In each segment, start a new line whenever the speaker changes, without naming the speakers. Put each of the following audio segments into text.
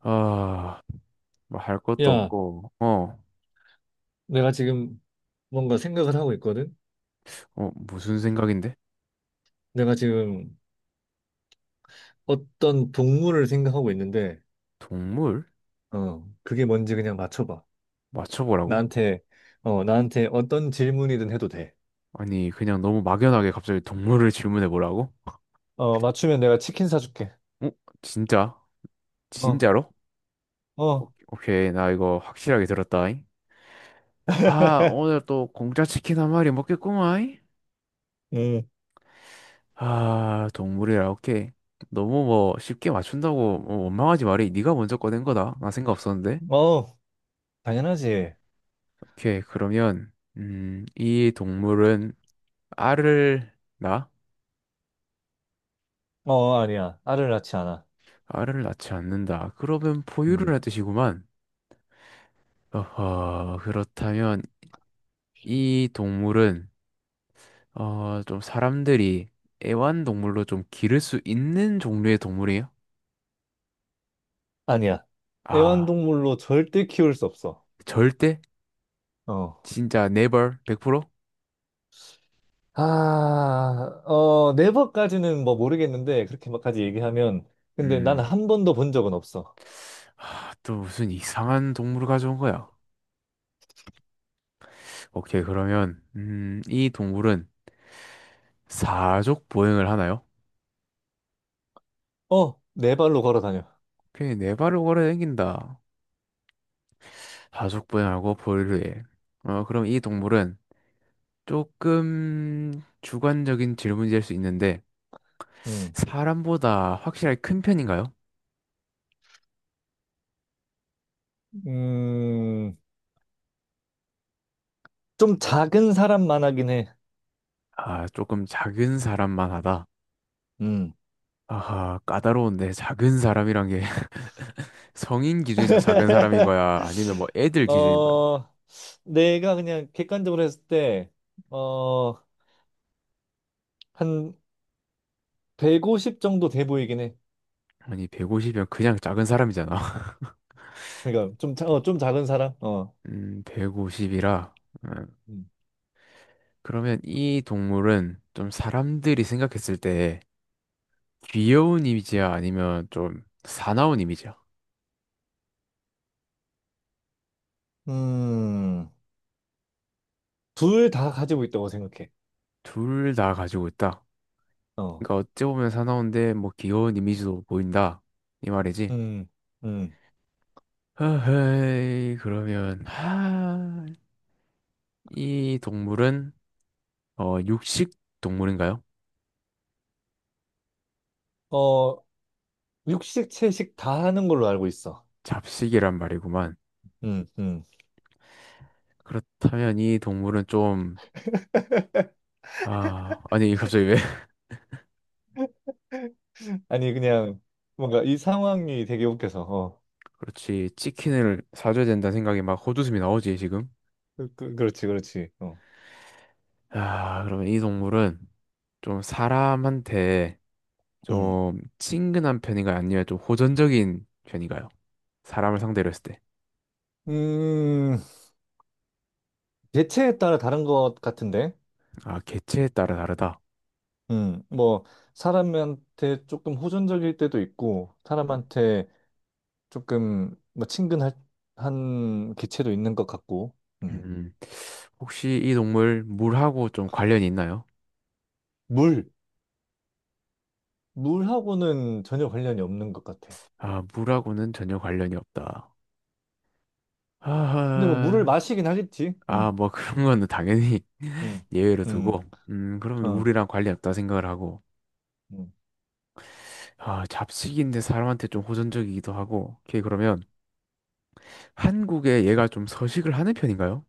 아, 뭐 할 것도
야,
없고,
내가 지금 뭔가 생각을 하고 있거든?
어, 무슨 생각인데?
내가 지금 어떤 동물을 생각하고 있는데,
동물?
그게 뭔지 그냥 맞춰봐.
맞춰보라고?
나한테, 나한테 어떤 질문이든 해도 돼.
아니, 그냥 너무 막연하게 갑자기 동물을 질문해보라고?
어, 맞추면 내가 치킨 사줄게.
어? 진짜?
어,
진짜로?
어,
오케이, 나 이거 확실하게 들었다잉. 아, 오늘 또 공짜 치킨 한 마리 먹겠구만.
음,
아, 동물이라, 오케이. 너무 뭐 쉽게 맞춘다고 뭐 원망하지 말이. 네가 먼저 꺼낸 거다. 나 생각 없었는데.
어, 당연하지.
오케이, 그러면, 이 동물은 알을 낳아?
어, 아니야. 알을 낳지 않아.
알을 낳지 않는다. 그러면 포유를
음,
하듯이구만. 어허, 그렇다면 이 동물은 어, 좀 사람들이 애완동물로 좀 기를 수 있는 종류의 동물이에요?
아니야.
아,
애완동물로 절대 키울 수 없어.
절대?
어,
진짜 never? 100%?
아, 어, 네 번까지는 뭐 모르겠는데, 그렇게 막까지 얘기하면. 근데 나는
음,
한 번도 본 적은 없어.
하... 또 무슨 이상한 동물을 가져온 거야. 오케이, 그러면 이 동물은 사족 보행을 하나요?
어, 네 발로 걸어 다녀.
오케이, 네 발을 걸어 다긴다 사족 보행하고 포유를 해. 어, 그럼 이 동물은 조금 주관적인 질문일 수 있는데,
음,
사람보다 확실하게 큰 편인가요?
음, 좀 작은 사람만 하긴 해.
아, 조금 작은 사람만 하다.
음.
아하, 까다로운데, 작은 사람이란 게 성인 기준에서 작은 사람인 거야? 아니면 뭐 애들 기준인 거야?
어, 내가 그냥 객관적으로 했을 때, 어, 한 150 정도 돼 보이긴 해.
아니, 150이면 그냥 작은 사람이잖아.
그러니까 좀, 좀 작은 사람? 어.
150이라.
음,
그러면 이 동물은 좀 사람들이 생각했을 때 귀여운 이미지야? 아니면 좀 사나운 이미지야?
음. 둘 다 가지고 있다고 생각해.
둘 다 가지고 있다.
어.
그러니까 어찌 보면 사나운데 뭐 귀여운 이미지도 보인다. 이 말이지.
음, 음.
허허이 그러면 하, 이 동물은 어 육식 동물인가요?
어... 육식, 채식 다 하는 걸로 알고 있어.
잡식이란 말이구만.
음, 음.
그렇다면 이 동물은 좀 아, 아니 갑자기 왜?
아니, 그냥 뭔가 이 상황이 되게 웃겨서. 어.
그렇지. 치킨을 사줘야 된다는 생각이 막 헛웃음이 나오지 지금.
그렇지, 그렇지. 어.
아, 그러면 이 동물은 좀 사람한테
음.
좀 친근한 편인가요? 아니면 좀 호전적인 편인가요? 사람을 상대로 했을 때.
음, 체에 따라 다른 것 같은데.
아, 개체에 따라 다르다.
뭐, 사람한테 조금 호전적일 때도 있고, 사람한테 조금 뭐 친근할 한 개체도 있는 것 같고, 음.
음, 혹시 이 동물 물하고 좀 관련이 있나요?
물. 물하고는 전혀 관련이 없는 것 같아.
아, 물하고는 전혀 관련이 없다.
근데 뭐 물을
아,
마시긴 하겠지.
아, 뭐 그런 거는 당연히
음,
예외로
음,
두고, 그러면
어.
물이랑 관련 없다 생각을 하고,
음.
아, 잡식인데 사람한테 좀 호전적이기도 하고, 오케이, 그러면 한국에 얘가 좀 서식을 하는 편인가요?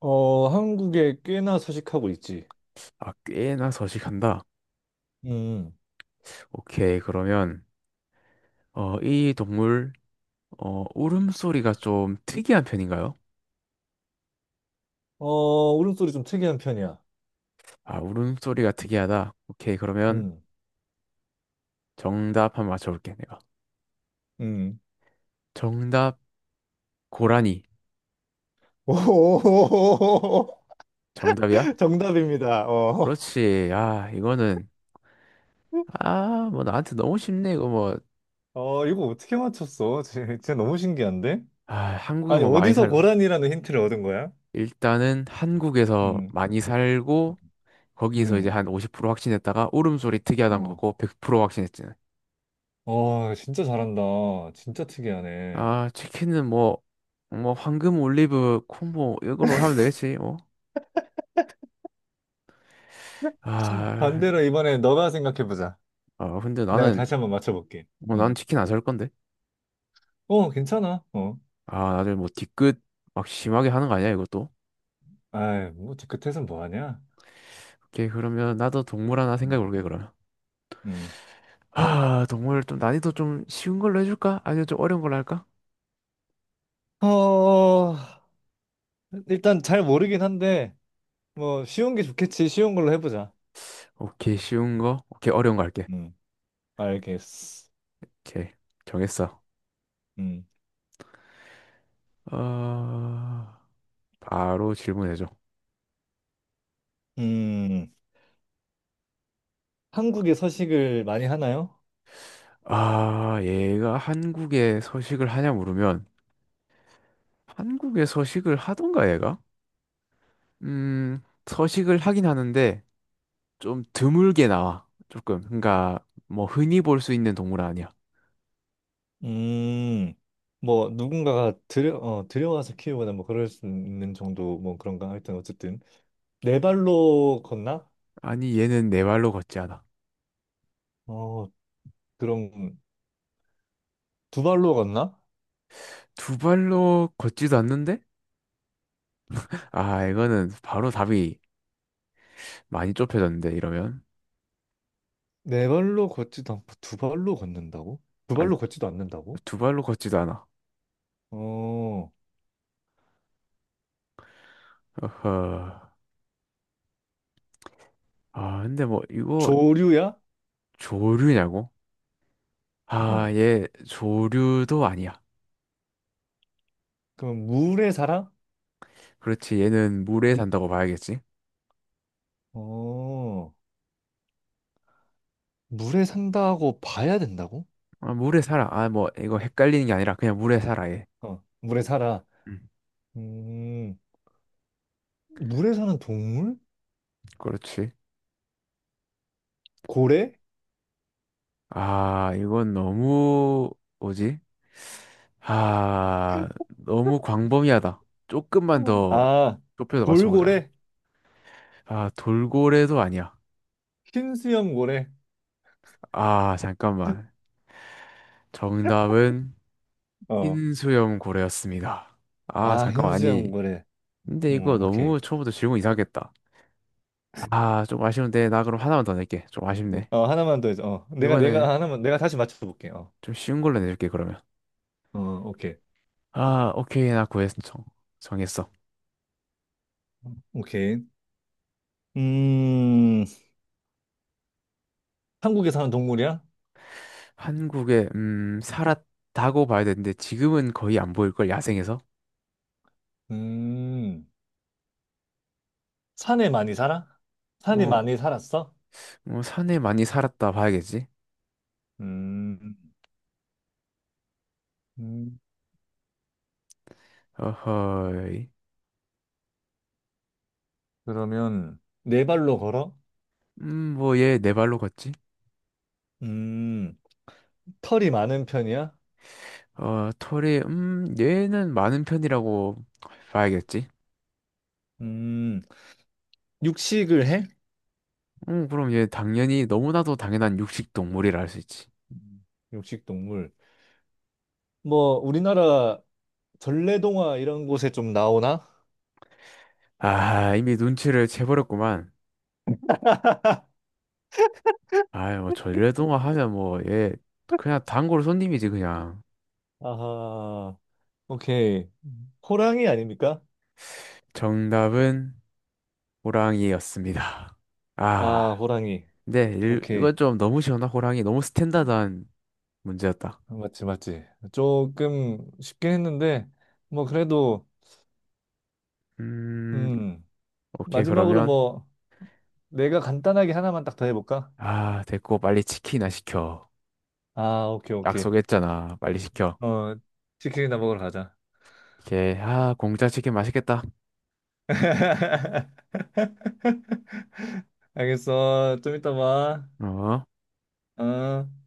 어, 한국에 꽤나 서식하고 있지.
아, 꽤나 서식한다.
음,
오케이, 그러면, 어, 이 동물, 어, 울음소리가 좀 특이한 편인가요?
어, 울음소리 좀 특이한 편이야.
아, 울음소리가 특이하다. 오케이, 그러면
음,
정답 한 번 맞춰볼게, 내가.
음.
정답, 고라니.
오,
정답이야?
정답입니다. 어.
그렇지. 아, 이거는, 아, 뭐 나한테 너무 쉽네, 이거 뭐.
어, 이거 어떻게 맞췄어? 진짜 너무 신기한데?
아, 한국에
아니,
뭐 많이
어디서
살고.
고란이라는 힌트를 얻은 거야?
일단은 한국에서
음,
많이 살고, 거기서 이제
음,
한 50% 확신했다가, 울음소리 특이하다는
어.
거고, 100% 확신했지.
어, 진짜 잘한다. 진짜 특이하네.
아, 치킨은 뭐, 뭐, 황금 올리브 콤보, 이걸로 하면 되겠지, 뭐. 아,
반대로 이번에 너가 생각해보자.
아, 근데
내가
나는,
다시 한번 맞춰볼게.
뭐, 난
음,
치킨 안 살 건데.
어, 괜찮아. 어.
아, 다들 뭐 뒤끝 막 심하게 하는 거 아니야, 이것도?
아이, 뭐, 뒤끝에선 뭐 하냐?
오케이, 그러면 나도 동물 하나 생각해 볼게, 그러면.
음.
아, 동물 좀 난이도 좀 쉬운 걸로 해줄까? 아니면 좀 어려운 걸로 할까?
어, 일단 잘 모르긴 한데, 뭐, 쉬운 게 좋겠지. 쉬운 걸로 해보자.
오케이, 쉬운 거. 오케이, 어려운 거 할게.
음. 알겠어.
오케이, 정했어.
음.
어, 바로 질문해줘.
음, 한국에 서식을 많이 하나요?
아, 얘가 한국에 서식을 하냐 물으면 한국에 서식을 하던가 얘가? 서식을 하긴 하는데 좀 드물게 나와. 조금. 그러니까 뭐 흔히 볼 수 있는 동물은 아니야.
음, 뭐, 들여와서 키우거나 뭐, 그럴 수 있는 정도, 뭐, 그런가? 하여튼, 어쨌든. 네 발로 걷나?
아니, 얘는 네 발로 걷지 않아.
어, 그럼, 두 발로 걷나?
두 발로 걷지도 않는데? 아, 이거는 바로 답이 많이 좁혀졌는데, 이러면.
네 발로 걷지도 않고, 두 발로 걷는다고? 두
아니,
발로 걷지도 않는다고?
두 발로 걷지도 않아.
어,
어허. 아, 근데 뭐, 이거
조류야?
조류냐고? 아,
어.
얘 조류도 아니야.
그럼 물에 살아?
그렇지, 얘는 물에 산다고 봐야겠지?
어, 물에 산다고 봐야 된다고?
아, 물에 살아. 아, 뭐, 이거 헷갈리는 게 아니라 그냥 물에 살아, 얘.
어, 물에 살아.
음,
음, 물에 사는 동물?
그렇지.
고래?
아, 이건 너무, 뭐지? 아, 너무 광범위하다. 조금만
어.
더
아,
좁혀서 맞춰보자.
돌고래?
아, 돌고래도 아니야.
흰수염 고래?
아, 잠깐만. 정답은
어,
흰 수염 고래였습니다. 아,
아,
잠깐만. 아니,
흰수염 고래.
근데
어,
이거
오케이.
너무 처음부터 질문 이상했다. 아, 좀 아쉬운데. 나 그럼 하나만 더 낼게. 좀 아쉽네.
어, 하나만 더 해서. 어, 내가,
이번에
내가, 하나만, 내가 다시 맞춰볼게. 어,
좀 쉬운 걸로 내줄게, 그러면.
어, 오케이.
아, 오케이. 나 구했어. 정했어.
오케이. 음, 한국에 사는 동물이야?
한국에 살았다고 봐야 되는데 지금은 거의 안 보일 걸 야생에서
음, 산에 많이 살아? 산이
뭐
많이 살았어?
뭐 산에 많이 살았다 봐야겠지
음, 음.
어허이
그러면 네 발로 걸어?
음뭐얘 네 발로 걷지
음, 털이 많은 편이야?
어 털이 얘는 많은 편이라고 봐야겠지
음, 육식을 해?
그럼 얘 당연히 너무나도 당연한 육식 동물이라 할 수 있지
음, 육식 동물. 뭐 우리나라 전래동화 이런 곳에 좀 나오나?
아 이미 눈치를 채버렸구만 아이 뭐 전래동화 하면 뭐 얘 그냥 단골 손님이지 그냥
아하, 오케이. 호랑이 아닙니까?
정답은 호랑이였습니다.
아,
아,
호랑이.
네, 일,
오케이.
이건 좀 너무 시원한 호랑이, 너무 스탠다드한 문제였다.
맞지, 맞지. 조금 쉽긴 했는데, 뭐, 그래도,
음,
음,
오케이,
마지막으로
그러면.
뭐, 내가 간단하게 하나만 딱 더 해볼까?
아, 됐고, 빨리 치킨이나 시켜.
아, 오케이, 오케이.
약속했잖아. 빨리 시켜.
어, 치킨이나 먹으러 가자.
오케이, 아, 공짜 치킨 맛있겠다.
알겠어. 좀 이따 봐.
어?
어.